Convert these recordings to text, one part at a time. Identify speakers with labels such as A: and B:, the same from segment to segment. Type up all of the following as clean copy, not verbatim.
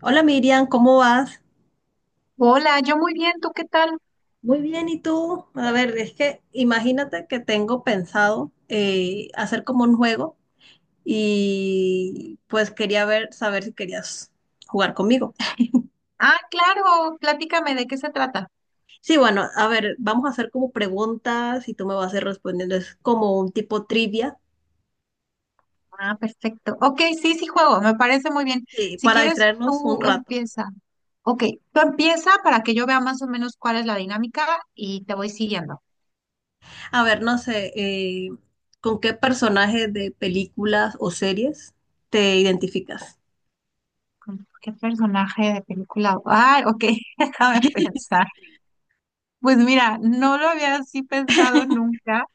A: Hola Miriam, ¿cómo vas?
B: Hola, yo muy bien, ¿tú qué tal?
A: Muy bien, ¿y tú? A ver, es que imagínate que tengo pensado hacer como un juego y pues quería ver, saber si querías jugar conmigo.
B: Ah, claro, platícame de qué se trata.
A: Sí, bueno, a ver, vamos a hacer como preguntas y tú me vas a ir respondiendo. Es como un tipo trivia
B: Ah, perfecto. Ok, sí, sí juego, me parece muy bien. Si
A: para
B: quieres,
A: distraernos un
B: tú
A: rato.
B: empieza. Ok, tú empieza para que yo vea más o menos cuál es la dinámica y te voy siguiendo.
A: A ver, no sé, ¿con qué personaje de películas o series te identificas?
B: ¿Con ¿Qué personaje de película? Ah, ok, déjame pensar. Pues mira, no lo había así pensado nunca,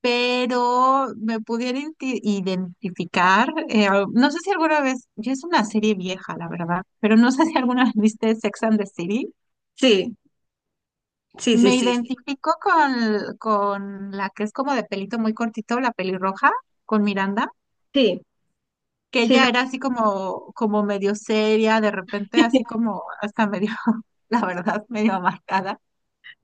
B: pero me pudiera identificar. No sé si alguna vez, ya es una serie vieja, la verdad, pero no sé si alguna vez viste Sex and the City.
A: Sí, sí, sí,
B: Me
A: sí, sí,
B: identifico con la que es como de pelito muy cortito, la pelirroja, con Miranda,
A: sí,
B: que
A: sí,
B: ella
A: lo
B: era así
A: ubico.
B: como, como medio seria, de repente así como hasta medio, la verdad, medio amargada,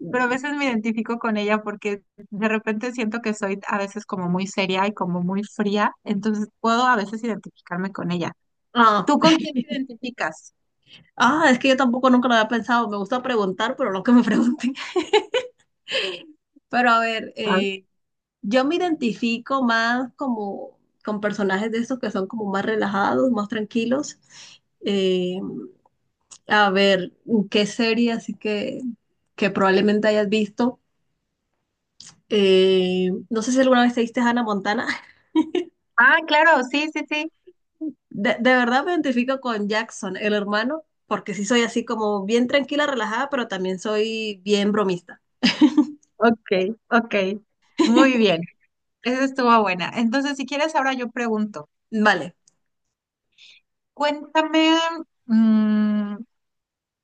B: pero a veces me identifico con ella porque de repente siento que soy a veces como muy seria y como muy fría, entonces puedo a veces identificarme con ella.
A: Ah,
B: ¿Tú con quién te identificas?
A: ah, es que yo tampoco nunca lo había pensado. Me gusta preguntar, pero no que me pregunten. Pero a ver,
B: Ah,
A: yo me identifico más como con personajes de estos que son como más relajados, más tranquilos. Eh, a ver, ¿qué serie así que probablemente hayas visto? No sé si alguna vez te viste Hannah Montana.
B: ah, claro, sí, sí, sí.
A: De verdad me identifico con Jackson, el hermano, porque sí soy así como bien tranquila, relajada, pero también soy bien bromista.
B: Ok, ok. Muy bien, esa estuvo buena. Entonces, si quieres, ahora yo pregunto,
A: Vale,
B: cuéntame, mm,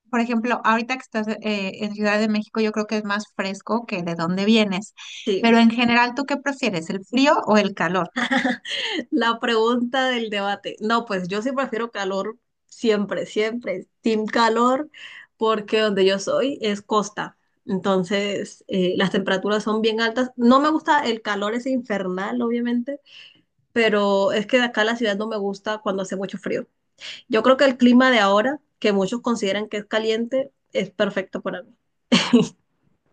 B: por ejemplo, ahorita que estás en Ciudad de México, yo creo que es más fresco que de dónde vienes,
A: sí.
B: pero en general, ¿tú qué prefieres, el frío o el calor?
A: La pregunta del debate. No, pues yo sí prefiero calor siempre, siempre. Team calor, porque donde yo soy es costa. Entonces, las temperaturas son bien altas. No me gusta el calor, es infernal, obviamente, pero es que de acá la ciudad no me gusta cuando hace mucho frío. Yo creo que el clima de ahora, que muchos consideran que es caliente, es perfecto para mí.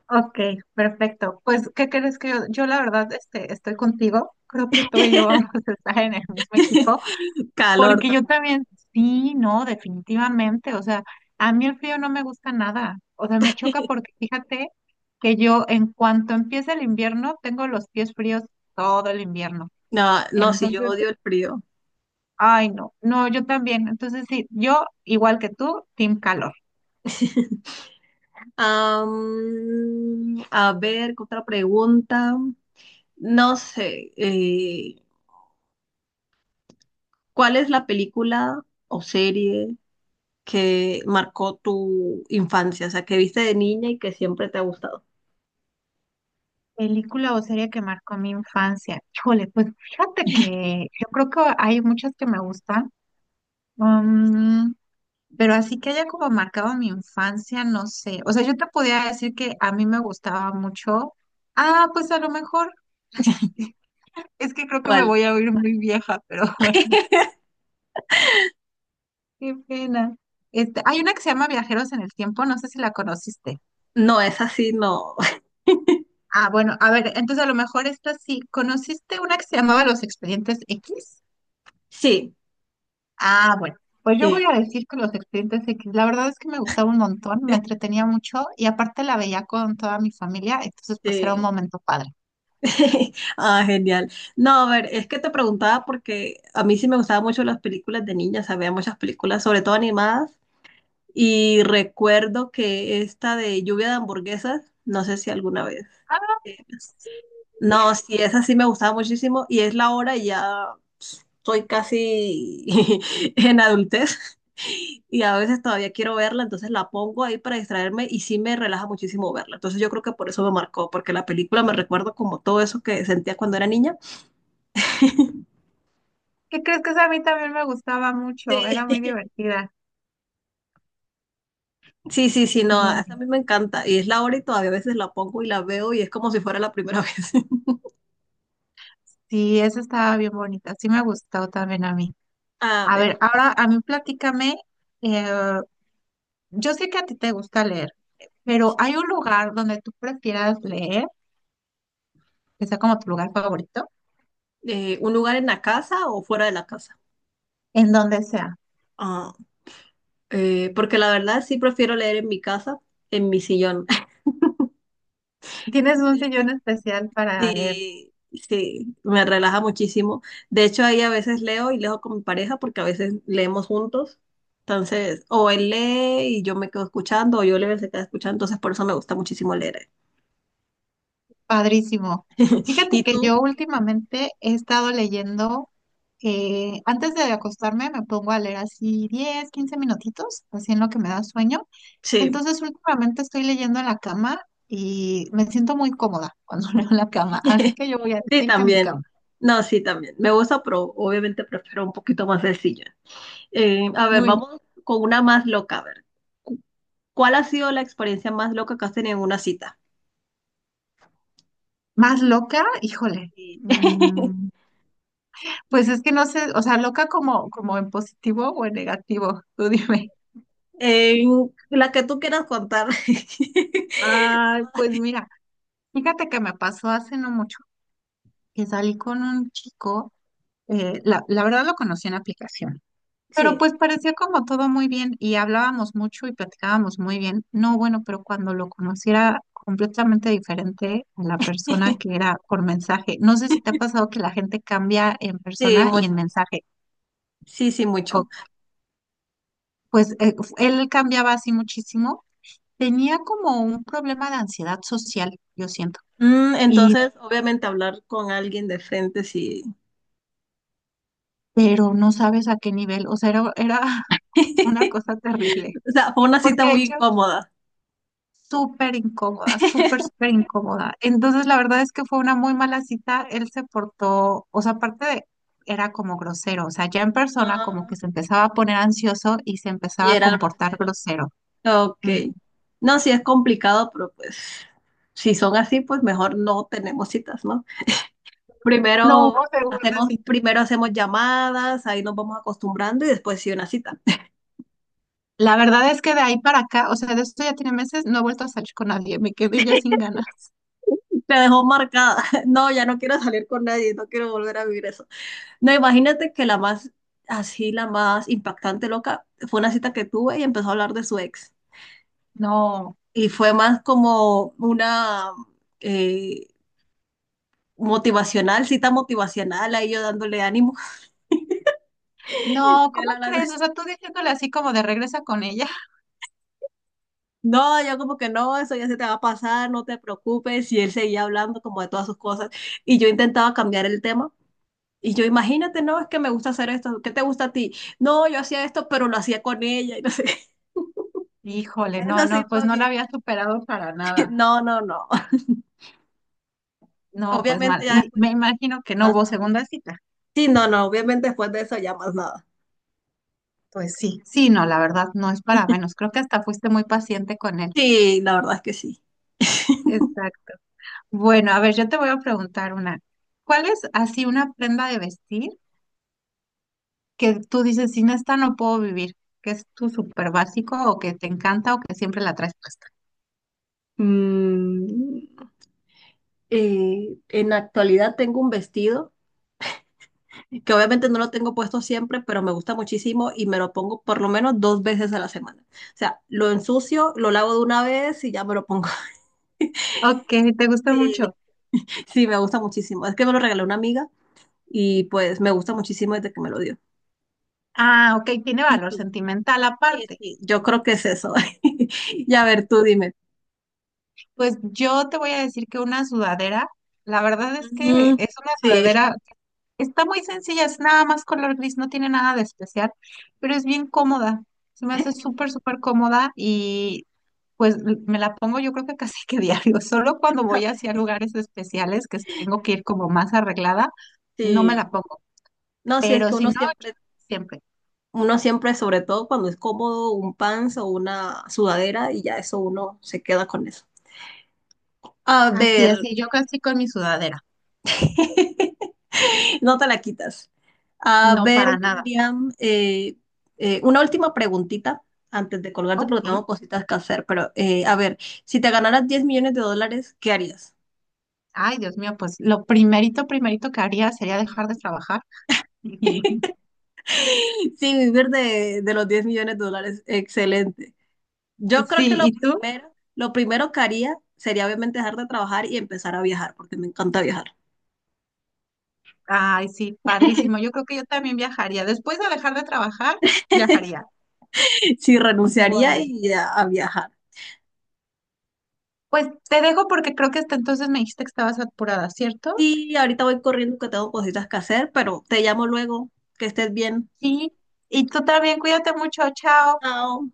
B: Ok, perfecto. Pues, ¿qué crees? Que yo la verdad este, estoy contigo. Creo que tú y yo vamos a estar en el mismo equipo,
A: Calor
B: porque yo
A: también.
B: también, sí, no, definitivamente. O sea, a mí el frío no me gusta nada. O sea, me choca porque fíjate que yo en cuanto empieza el invierno, tengo los pies fríos todo el invierno.
A: No, no, sí, yo
B: Entonces,
A: odio el frío.
B: ay, no, no, yo también. Entonces, sí, yo igual que tú, team calor.
A: A ver, ¿qué otra pregunta? No sé, ¿cuál es la película o serie que marcó tu infancia? O sea, que viste de niña y que siempre te ha gustado.
B: Película o serie que marcó mi infancia. Híjole, pues fíjate que yo creo que hay muchas que me gustan, mm, pero así que haya como marcado mi infancia, no sé. O sea, yo te podía decir que a mí me gustaba mucho. Ah, pues a lo mejor es que creo que me
A: ¿Cuál?
B: voy a oír muy vieja, pero bueno, qué pena. Este, hay una que se llama Viajeros en el Tiempo, no sé si la conociste.
A: No, es así, no.
B: Ah, bueno, a ver, entonces a lo mejor esta sí. ¿Conociste una que se llamaba Los Expedientes X?
A: Sí,
B: Ah, bueno, pues yo
A: sí,
B: voy a decir que los Expedientes X, la verdad es que me gustaba un montón, me entretenía mucho y aparte la veía con toda mi familia, entonces pues era un
A: sí.
B: momento padre.
A: Ah, genial. No, a ver, es que te preguntaba porque a mí sí me gustaban mucho las películas de niña, o sea, veía muchas películas, sobre todo animadas. Y recuerdo que esta de lluvia de hamburguesas, no sé si alguna vez.
B: Ah,
A: eh,
B: sí.
A: No, sí, esa sí me gustaba muchísimo y es la hora y ya soy casi en adultez y a veces todavía quiero verla, entonces la pongo ahí para distraerme y sí me relaja muchísimo verla. Entonces yo creo que por eso me marcó, porque la película me recuerdo como todo eso que sentía cuando era niña.
B: ¿Qué crees? Que esa a mí también me gustaba mucho.
A: Sí.
B: Era muy divertida.
A: Sí, sí, sí, no,
B: Muy.
A: esa a mí me encanta y es la hora y todavía a veces la pongo y la veo y es como si fuera la primera vez.
B: Sí, esa estaba bien bonita, sí me gustó también a mí.
A: A
B: A
A: ver.
B: ver, ahora a mí platícame, eh, yo sé que a ti te gusta leer, pero ¿hay un lugar donde tú prefieras leer, que sea como tu lugar favorito,
A: ¿Un lugar en la casa o fuera de la casa?
B: en donde sea?
A: Ah, porque la verdad sí prefiero leer en mi casa, en mi sillón.
B: ¿Tienes un
A: El-
B: sillón especial para leer?
A: Sí, sí, me relaja muchísimo. De hecho, ahí a veces leo y leo con mi pareja porque a veces leemos juntos. Entonces, o él lee y yo me quedo escuchando, o yo leo y él se queda escuchando. Entonces, por eso me gusta muchísimo leer.
B: Padrísimo. Fíjate
A: ¿Y
B: que
A: tú?
B: yo últimamente he estado leyendo, antes de acostarme me pongo a leer así 10, 15 minutitos, así en lo que me da sueño.
A: Sí,
B: Entonces últimamente estoy leyendo en la cama y me siento muy cómoda cuando leo en la cama. Así que yo voy a
A: sí,
B: decir que mi
A: también.
B: cama.
A: No, sí, también. Me gusta, pero obviamente prefiero un poquito más sencillo. A ver,
B: Muy
A: vamos con una más loca. A ver, Cu- ¿cuál ha sido la experiencia más loca que has tenido en una cita?
B: más loca, híjole.
A: Sí.
B: Mm, pues es que no sé, o sea, loca como, como en positivo o en negativo. Tú dime.
A: En la que tú quieras contar.
B: Ay, pues mira, fíjate que me pasó hace no mucho que salí con un chico, la verdad lo conocí en aplicación, pero
A: Sí,
B: pues parecía como todo muy bien y hablábamos mucho y platicábamos muy bien. No, bueno, pero cuando lo conociera completamente diferente a la persona que era por mensaje, no sé si te ha pasado que la gente cambia en
A: sí,
B: persona y en
A: mucho.
B: mensaje.
A: Sí, sí,
B: O
A: mucho.
B: pues él cambiaba así muchísimo, tenía como un problema de ansiedad social, yo siento.
A: Mm,
B: Y
A: entonces, obviamente, hablar con alguien de frente, sí.
B: pero no sabes a qué nivel, o sea, era una cosa terrible,
A: O sea, fue una cita
B: porque de
A: muy
B: hecho,
A: incómoda.
B: súper incómoda, súper, súper incómoda. Entonces, la verdad es que fue una muy mala cita, él se portó, o sea, aparte de, era como grosero, o sea, ya en persona como
A: Ah,
B: que se empezaba a poner ansioso y se empezaba
A: y
B: a
A: era
B: comportar
A: grosero.
B: grosero.
A: Ok.
B: Mm.
A: No, sí es complicado, pero pues si son así, pues mejor no tenemos citas, ¿no?
B: No hubo segunda cita.
A: Primero hacemos llamadas, ahí nos vamos acostumbrando y después sí una cita.
B: La verdad es que de ahí para acá, o sea, de esto ya tiene meses, no he vuelto a salir con nadie, me quedé ya sin ganas.
A: Me dejó marcada. No, ya no quiero salir con nadie, no quiero volver a vivir eso. No, imagínate que la más, así la más impactante, loca, fue una cita que tuve y empezó a hablar de su ex.
B: No,
A: Y fue más como una eh, motivacional, cita motivacional, ahí yo dándole ánimo.
B: no,
A: Y él
B: ¿cómo
A: hablando.
B: crees? O sea, tú diciéndole así como de regresa con ella.
A: No, yo como que no, eso ya se te va a pasar, no te preocupes. Y él seguía hablando como de todas sus cosas. Y yo intentaba cambiar el tema. Y yo, imagínate, no, es que me gusta hacer esto. ¿Qué te gusta a ti? No, yo hacía esto, pero lo hacía con ella. Y no sé.
B: Híjole, no,
A: Eso sí
B: no, pues
A: fue
B: no la
A: bien.
B: había superado para nada.
A: No, no, no.
B: No, pues mal.
A: Obviamente ya
B: Y
A: después
B: me
A: de
B: imagino que no
A: más
B: hubo
A: nada.
B: segunda cita.
A: Sí, no, no, obviamente después de eso ya más nada.
B: Pues sí, sí, no, la verdad no es para menos. Creo que hasta fuiste muy paciente con él.
A: Sí, la verdad es que sí.
B: Exacto. Bueno, a ver, yo te voy a preguntar una. ¿Cuál es así una prenda de vestir que tú dices, sin esta no puedo vivir? ¿Que es tu súper básico o que te encanta o que siempre la traes puesta?
A: Mm, en la actualidad tengo un vestido. Que obviamente no lo tengo puesto siempre, pero me gusta muchísimo y me lo pongo por lo menos dos veces a la semana. O sea, lo ensucio, lo lavo de una vez y ya me lo pongo.
B: Ok, te gusta
A: Eh,
B: mucho.
A: Sí, me gusta muchísimo. Es que me lo regaló una amiga y pues me gusta muchísimo desde que me lo dio.
B: Ah, ok, tiene
A: ¿Y
B: valor
A: tú?
B: sentimental
A: Sí,
B: aparte.
A: sí, yo creo que es eso. Y a ver, tú dime.
B: Pues yo te voy a decir que una sudadera, la verdad es que
A: Mm,
B: es una
A: sí.
B: sudadera, está muy sencilla, es nada más color gris, no tiene nada de especial, pero es bien cómoda, se me hace súper, súper cómoda y pues me la pongo yo creo que casi que diario, solo cuando voy hacia lugares especiales que tengo que ir como más arreglada, no me
A: Sí,
B: la pongo,
A: no, sí, es
B: pero
A: que
B: si no, siempre.
A: uno siempre, sobre todo cuando es cómodo, un pants o una sudadera y ya eso uno se queda con eso. A
B: Así,
A: ver,
B: así, yo casi con mi sudadera,
A: no te la quitas. A
B: no
A: ver,
B: para nada.
A: Miriam, una última preguntita antes de colgarte porque
B: Ok.
A: tengo cositas que hacer, pero a ver, si te ganaras 10 millones de dólares, ¿qué harías?
B: Ay, Dios mío, pues lo primerito, primerito que haría sería dejar de trabajar. Y
A: Sí, vivir de los 10 millones de dólares, excelente. Yo creo que
B: sí, ¿y tú?
A: lo primero que haría sería obviamente dejar de trabajar y empezar a viajar, porque me encanta viajar.
B: Ay, sí, padrísimo. Yo creo que yo también viajaría. Después de dejar de trabajar, viajaría.
A: Sí, renunciaría
B: Bueno,
A: y a viajar.
B: pues te dejo porque creo que hasta entonces me dijiste que estabas apurada, ¿cierto?
A: Sí, ahorita voy corriendo que tengo cositas que hacer, pero te llamo luego, que estés bien.
B: Sí. Y tú también, cuídate mucho, chao.
A: Chao.